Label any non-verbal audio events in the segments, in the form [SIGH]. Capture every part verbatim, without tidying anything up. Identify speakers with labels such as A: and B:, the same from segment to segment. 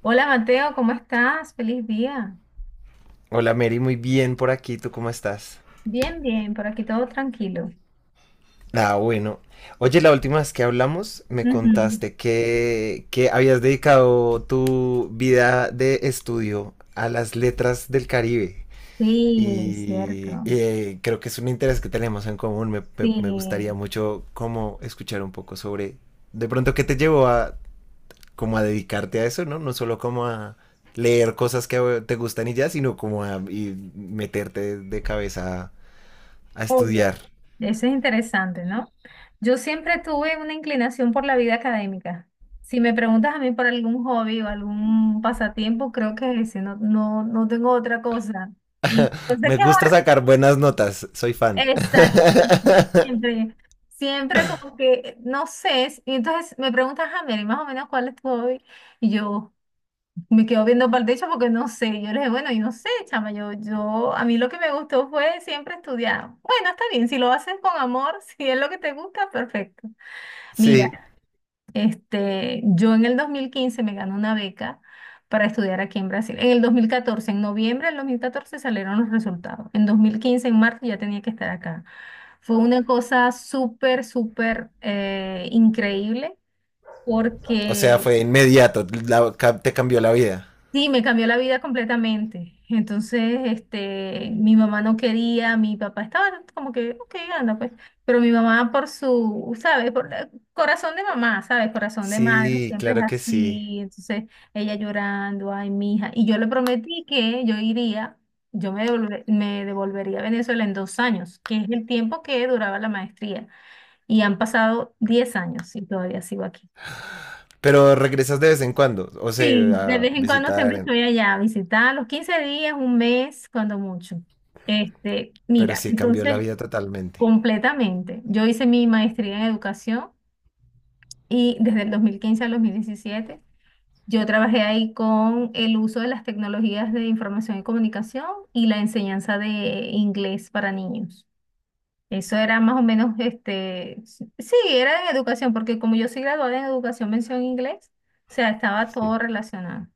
A: Hola Mateo, ¿cómo estás? Feliz día.
B: Hola Mary, muy bien por aquí, ¿tú cómo estás?
A: Bien, bien, por aquí todo tranquilo.
B: Ah, bueno. Oye, la última vez que hablamos me
A: Ujú.
B: contaste que, que habías dedicado tu vida de estudio a las letras del Caribe
A: Sí,
B: y
A: cierto.
B: eh, creo que es un interés que tenemos en común. Me, me- me gustaría
A: Sí.
B: mucho como escuchar un poco sobre de pronto qué te llevó a como a dedicarte a eso, ¿no? No solo como a leer cosas que eh, te gustan y ya, sino como a y meterte de cabeza a
A: Oye,
B: estudiar.
A: eso es interesante, ¿no? Yo siempre tuve una inclinación por la vida académica. Si me preguntas a mí por algún hobby o algún pasatiempo, creo que es ese, no, no, no tengo otra cosa. Y yo sé
B: Me
A: que es
B: gusta
A: horrible.
B: sacar buenas notas, soy fan.
A: Exacto. [LAUGHS]
B: [LAUGHS]
A: Siempre, siempre como que, no sé, y entonces me preguntas a mí, más o menos cuál es tu hobby, y yo... Me quedo viendo para el techo porque no sé. Yo le dije, bueno, yo no sé, chama, yo, yo, a mí lo que me gustó fue siempre estudiar. Bueno, está bien, si lo haces con amor, [LAUGHS] si es lo que te gusta, perfecto. Mira,
B: Sí,
A: este, yo en el dos mil quince me gané una beca para estudiar aquí en Brasil. En el dos mil catorce, en noviembre del dos mil catorce salieron los resultados. En dos mil quince, en marzo, ya tenía que estar acá. Fue una cosa súper, súper eh, increíble
B: o sea,
A: porque
B: fue inmediato, la- ca- te cambió la vida.
A: sí, me cambió la vida completamente. Entonces, este, mi mamá no quería, mi papá estaba como que, ok, anda pues. Pero mi mamá por su, ¿sabes? Por la- corazón de mamá, ¿sabes? Corazón de madre,
B: Sí,
A: siempre es
B: claro que sí.
A: así. Entonces, ella llorando, ay, mi hija. Y yo le prometí que yo iría, yo me devolve- me devolvería a Venezuela en dos años, que es el tiempo que duraba la maestría. Y han pasado diez años y todavía sigo aquí.
B: Pero regresas de vez en cuando, o
A: Sí, de
B: sea, a
A: vez en cuando siempre
B: visitar,
A: estoy allá a visitar, los quince días, un mes, cuando mucho. Este,
B: pero
A: mira,
B: sí, cambió la
A: entonces,
B: vida totalmente.
A: completamente. Yo hice mi maestría en educación y desde el dos mil quince al dos mil diecisiete yo trabajé ahí con el uso de las tecnologías de información y comunicación y la enseñanza de inglés para niños. Eso era más o menos, este, sí, sí, era en educación, porque como yo soy graduada en educación, mención inglés, o sea, estaba
B: Sí,
A: todo relacionado.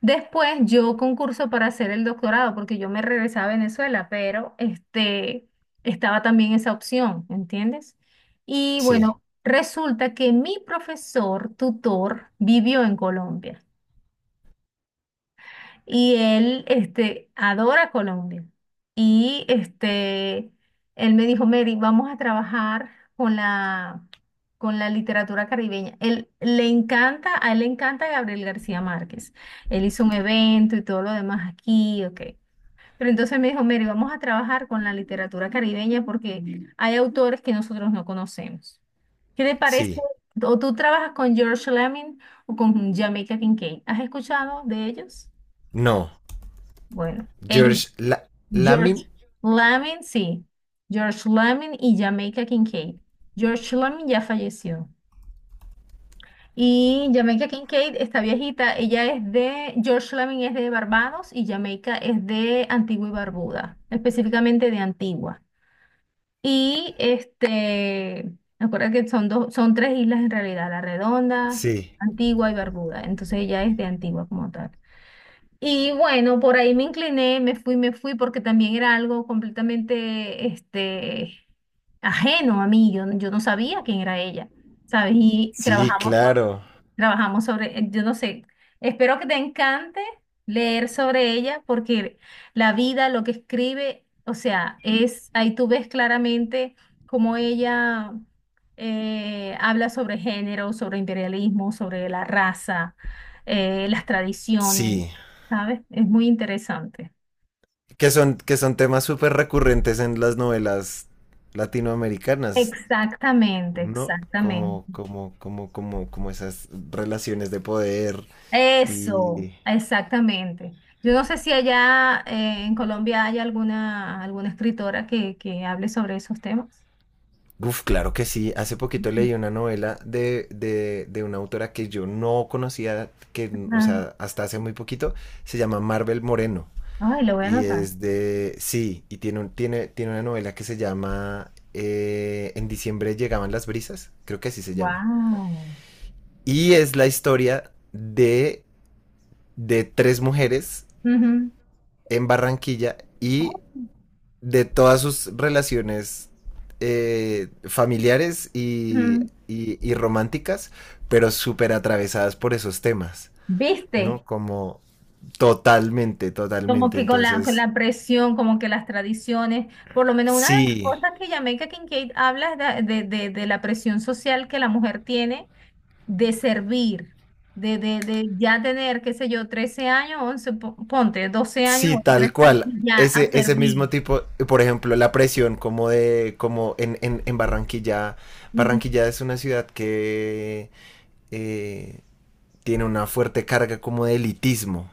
A: Después yo concurso para hacer el doctorado porque yo me regresaba a Venezuela, pero este, estaba también esa opción, ¿entiendes? Y
B: sí,
A: bueno, resulta que mi profesor tutor vivió en Colombia. Y él, este, adora Colombia. Y este, él me dijo, Mary, vamos a trabajar con la, con la literatura caribeña. Él le encanta, a él le encanta Gabriel García Márquez. Él hizo un evento y todo lo demás aquí, ok. Pero entonces me dijo, Mary, vamos a trabajar con la literatura caribeña porque Mm. hay autores que nosotros no conocemos. ¿Qué te parece?
B: sí.
A: ¿O tú trabajas con George Lemming o con Jamaica Kincaid? ¿Has escuchado de ellos?
B: No,
A: Bueno, ellos,
B: George La- Lamin,
A: George Lamin, sí, George Lamin y Jamaica Kincaid. George Lamin ya falleció. Y Jamaica Kincaid, está viejita, ella es de, George Lamin es de Barbados y Jamaica es de Antigua y Barbuda, específicamente de Antigua. Y este, recuerda que son dos, son tres islas en realidad, La Redonda,
B: sí,
A: Antigua y Barbuda. Entonces ella es de Antigua como tal. Y bueno, por ahí me incliné, me fui, me fui, porque también era algo completamente, este, ajeno a mí. Yo, yo no sabía quién era ella, ¿sabes? Y
B: sí,
A: trabajamos.
B: claro,
A: Trabajamos sobre, eh, yo no sé, espero que te encante leer sobre ella porque la vida, lo que escribe, o sea, es, ahí tú ves claramente cómo ella eh, habla sobre género, sobre imperialismo, sobre la raza, eh, las tradiciones,
B: sí.
A: ¿sabes? Es muy interesante.
B: Que son, que son temas súper recurrentes en las novelas latinoamericanas.
A: Exactamente,
B: ¿No?
A: exactamente.
B: Como, como, como, como, como esas relaciones de poder
A: Eso,
B: y...
A: exactamente. Yo no sé si allá eh, en Colombia hay alguna, alguna escritora que, que hable sobre esos temas.
B: Uf, claro que sí. Hace poquito
A: Ujú.
B: leí una novela de, de, de una autora que yo no conocía, que, o
A: Ajá.
B: sea, hasta hace muy poquito, se llama Marvel Moreno.
A: Ay, lo voy a
B: Y
A: anotar.
B: es de, sí, y tiene, un- tiene, tiene una novela que se llama eh, En diciembre llegaban las brisas, creo que así se llama.
A: Wow.
B: Y es la historia de, de tres mujeres en Barranquilla y de todas sus relaciones eh, familiares y, y, y románticas, pero súper atravesadas por esos temas,
A: ¿Viste?
B: ¿no? Como totalmente,
A: Como
B: totalmente.
A: que con la, con
B: Entonces,
A: la presión, como que las tradiciones, por lo menos una de las
B: sí,
A: cosas que Jamaica Kincaid habla es de, de, de de la presión social que la mujer tiene de servir, de, de, de ya tener, qué sé yo, trece años, once po- ponte, doce años,
B: sí,
A: o
B: tal
A: trece años,
B: cual.
A: y ya a
B: Ese, ese mismo
A: servir.
B: tipo, por ejemplo, la presión como de, como en, en, en Barranquilla.
A: Ujú.
B: Barranquilla es una ciudad que eh, tiene una fuerte carga como de elitismo.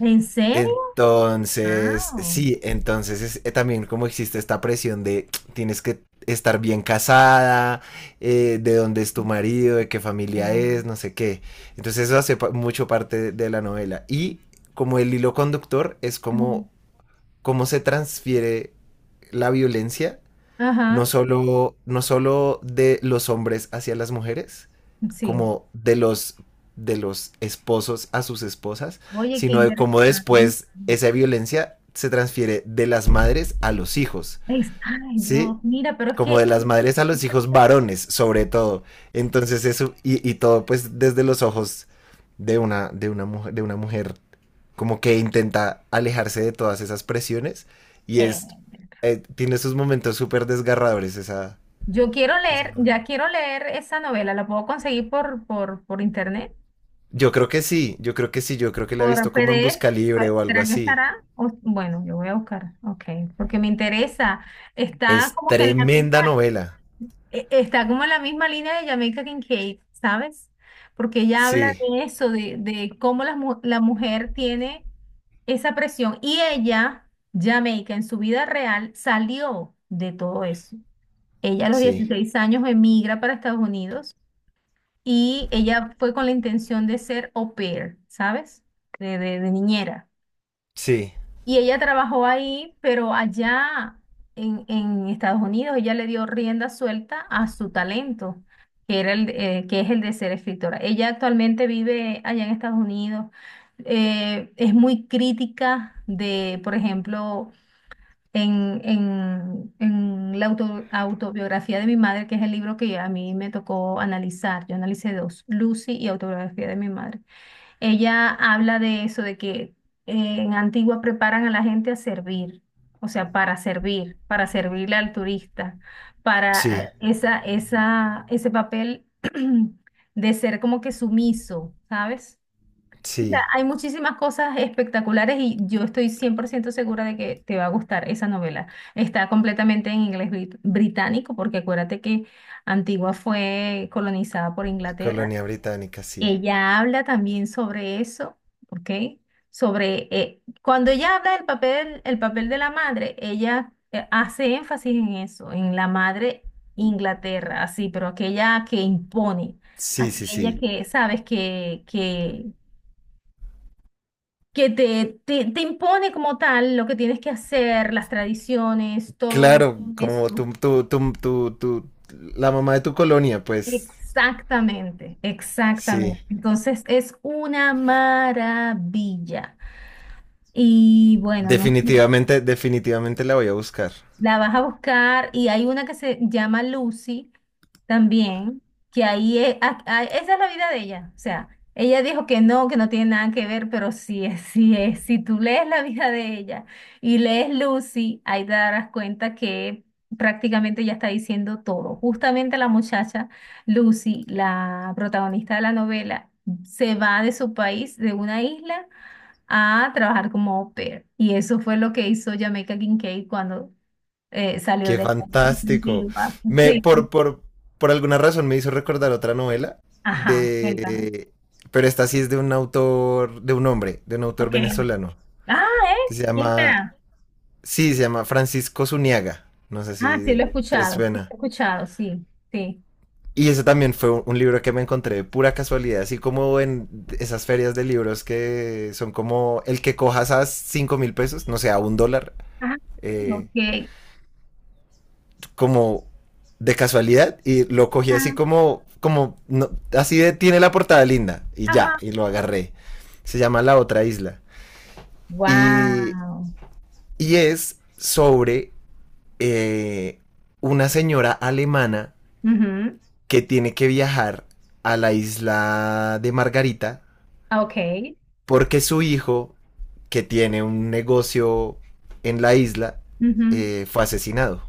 A: ¿En serio?
B: Entonces,
A: Wow.
B: sí, entonces es, eh, también como existe esta presión de [TSK] tienes que estar bien casada, eh, de dónde es tu marido, de qué familia
A: Oh.
B: es, no sé qué. Entonces eso hace pa- mucho parte de la novela. Y como el hilo conductor es
A: Ujú.
B: como cómo se transfiere la violencia no
A: Ajá,
B: solo, no solo de los hombres hacia las mujeres,
A: sí.
B: como de los, de los esposos a sus esposas,
A: Oye, qué
B: sino de cómo
A: interesante.
B: después esa violencia se transfiere de las madres a los hijos,
A: Es- ay,
B: ¿sí?
A: Dios, mira, pero es
B: Como
A: que
B: de las madres a los hijos varones, sobre todo. Entonces eso, y, y todo pues desde los ojos de una, de una mujer, de una mujer como que intenta alejarse de todas esas presiones y
A: leer.
B: es eh, tiene esos momentos súper desgarradores esa
A: Yo quiero
B: esa-
A: leer, ya quiero leer esa novela, ¿la puedo conseguir por, por, por internet?
B: yo creo que sí, yo creo que sí, yo creo que la he
A: Por
B: visto como en
A: P D F,
B: busca libre
A: pues,
B: o algo
A: ¿será que
B: así.
A: estará? O- bueno, yo voy a buscar, ok, porque me interesa. Está
B: Es
A: como que en la
B: tremenda
A: misma,
B: novela.
A: e- está como en la misma línea de Jamaica Kincaid, ¿sabes? Porque ella habla
B: Sí,
A: de eso, de, de cómo la, mu- la mujer tiene esa presión. Y ella, Jamaica, en su vida real, salió de todo eso. Ella a los
B: sí,
A: dieciséis años emigra para Estados Unidos y ella fue con la intención de ser au pair, ¿sabes? de de- de niñera.
B: sí,
A: Y ella trabajó ahí, pero allá en, en Estados Unidos ella le dio rienda suelta a su talento, que era el, de- eh, que es el de ser escritora. Ella actualmente vive allá en Estados Unidos. Eh, es muy crítica de, por ejemplo, en, en, en la auto- autobiografía de mi madre, que es el libro que a mí me tocó analizar. Yo analicé dos, Lucy y autobiografía de mi madre. Ella habla de eso, de que eh, en Antigua preparan a la gente a servir, o sea, para servir, para servirle al turista, para
B: sí,
A: eh, esa, esa, ese papel [CLEARS THROAT] de ser como que sumiso, ¿sabes? Mira,
B: sí,
A: hay muchísimas cosas espectaculares y yo estoy cien por ciento segura de que te va a gustar esa novela. Está completamente en inglés brit- británico, porque acuérdate que Antigua fue colonizada por Inglaterra,
B: colonia británica, sí,
A: ella habla también sobre eso, ¿ok? Sobre, eh, cuando ella habla del papel, el papel de la madre, ella eh, hace énfasis en eso, en la madre Inglaterra, así, pero aquella que impone,
B: sí, sí,
A: aquella
B: sí,
A: que, sabes, que, que, que te, te, te impone como tal lo que tienes que hacer, las tradiciones, todo
B: claro,
A: eso.
B: como tú tú tú tú, tú la mamá de tu colonia pues.
A: Exactamente,
B: Sí,
A: exactamente. Entonces es una maravilla. Y bueno, no,
B: definitivamente, definitivamente la voy a buscar.
A: la vas a buscar y hay una que se llama Lucy también, que ahí es, a- a- esa es la vida de ella. O sea, ella dijo que no, que no tiene nada que ver, pero sí es, sí es. Si tú lees la vida de ella y lees Lucy, ahí te darás cuenta que prácticamente ella está diciendo todo. Justamente la muchacha Lucy, la protagonista de la novela, se va de su país, de una isla a trabajar como au pair. Y eso fue lo que hizo Jamaica Kincaid cuando eh, salió
B: Qué
A: de la [LAUGHS]
B: fantástico.
A: antigua.
B: Me,
A: Sí.
B: por, por, por alguna razón me hizo recordar otra novela
A: Ajá, cuéntame.
B: de, pero esta sí es de un autor, de un hombre, de un autor
A: Ok.
B: venezolano,
A: Ah,
B: que
A: ¿eh?
B: se
A: ¿Quién
B: llama,
A: será?
B: sí, se llama Francisco Zuniaga. No sé
A: Ah, sí lo
B: si
A: he
B: te
A: escuchado, sí lo he
B: suena.
A: escuchado, sí, sí.
B: Y ese también fue un un libro que me encontré de pura casualidad, así como en esas ferias de libros que son como el que cojas a cinco mil pesos, no sé, a un dólar,
A: Ah,
B: eh,
A: ok.
B: como de casualidad y lo cogí así
A: Ah,
B: como, como, no, así de tiene la portada linda y ya,
A: ajá.
B: y lo agarré. Se llama La Otra Isla. Y,
A: Wow.
B: y es sobre eh, una señora alemana
A: Ujú.
B: que tiene que viajar a la isla de Margarita
A: Ah, ok.
B: porque su hijo, que tiene un negocio en la isla,
A: Ujú.
B: eh, fue asesinado.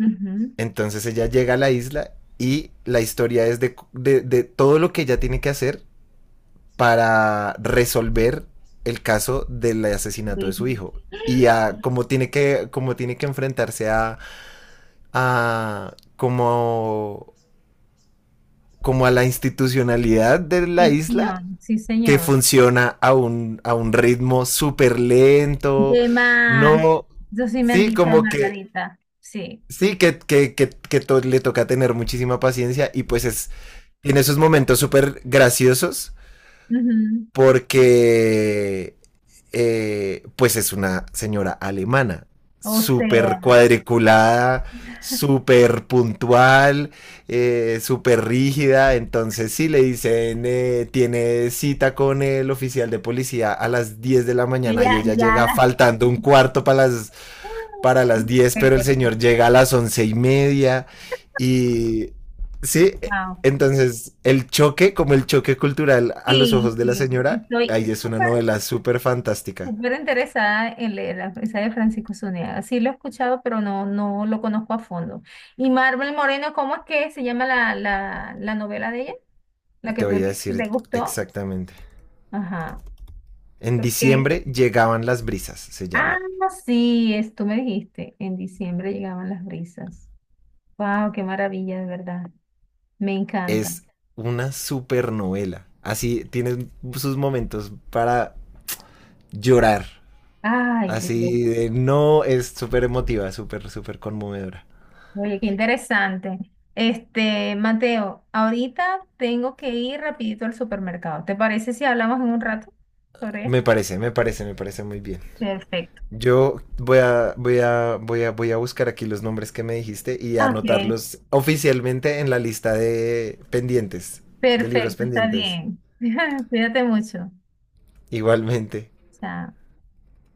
A: Ujú.
B: Entonces ella llega a la isla y la historia es de, de, de todo lo que ella tiene que hacer para resolver el caso del asesinato de
A: Sí,
B: su hijo y a cómo tiene que, como tiene que enfrentarse a, a como, como a la institucionalidad de la
A: sí,
B: isla
A: señor, sí,
B: que
A: señor.
B: funciona a un, a un ritmo súper lento.
A: De más.
B: No,
A: Eso sí me han
B: sí,
A: dicho de
B: como que,
A: Margarita. Sí.
B: sí, que, que, que, que to le toca tener muchísima paciencia y pues es tiene esos momentos súper graciosos
A: Ujú.
B: porque eh, pues es una señora alemana,
A: O
B: súper
A: sea,
B: cuadriculada, súper puntual, eh, súper rígida. Entonces, si sí, le dicen, eh, tiene cita con el oficial de policía a las diez de la
A: yo
B: mañana y
A: ya,
B: ella
A: ya
B: llega
A: las...
B: faltando un cuarto para las para las diez, pero el señor llega a las once y media. Y sí,
A: Wow.
B: entonces el choque, como el choque cultural a los
A: Sí,
B: ojos de la
A: sí,
B: señora,
A: estoy
B: ahí es una
A: súper,
B: novela súper fantástica.
A: súper interesada en leer la esa de Francisco Zuniaga. Sí lo he escuchado, pero no, no lo conozco a fondo. Y Marvel Moreno, ¿cómo es que se llama la, la, la novela de ella? La
B: Te
A: que tú
B: voy a
A: lees, que
B: decir
A: te gustó.
B: exactamente.
A: Ajá.
B: En
A: Porque,
B: diciembre llegaban las brisas, se
A: ah,
B: llama.
A: sí, es, tú me dijiste, en diciembre llegaban las brisas. Wow, qué maravilla, de verdad. Me encanta.
B: Es una súper novela. Así tiene sus momentos para llorar.
A: Ay, Dios.
B: Así de no, es súper emotiva, súper, súper conmovedora.
A: Oye, qué interesante. Este, Mateo, ahorita tengo que ir rapidito al supermercado. ¿Te parece si hablamos en un rato sobre
B: Me
A: esto?
B: parece, me parece, me parece muy bien.
A: Perfecto.
B: Yo voy a, voy a, voy a, voy a buscar aquí los nombres que me dijiste y
A: Ok,
B: anotarlos oficialmente en la lista de pendientes, de libros
A: perfecto, está
B: pendientes.
A: bien. [LAUGHS] Cuídate mucho.
B: Igualmente.
A: Chao.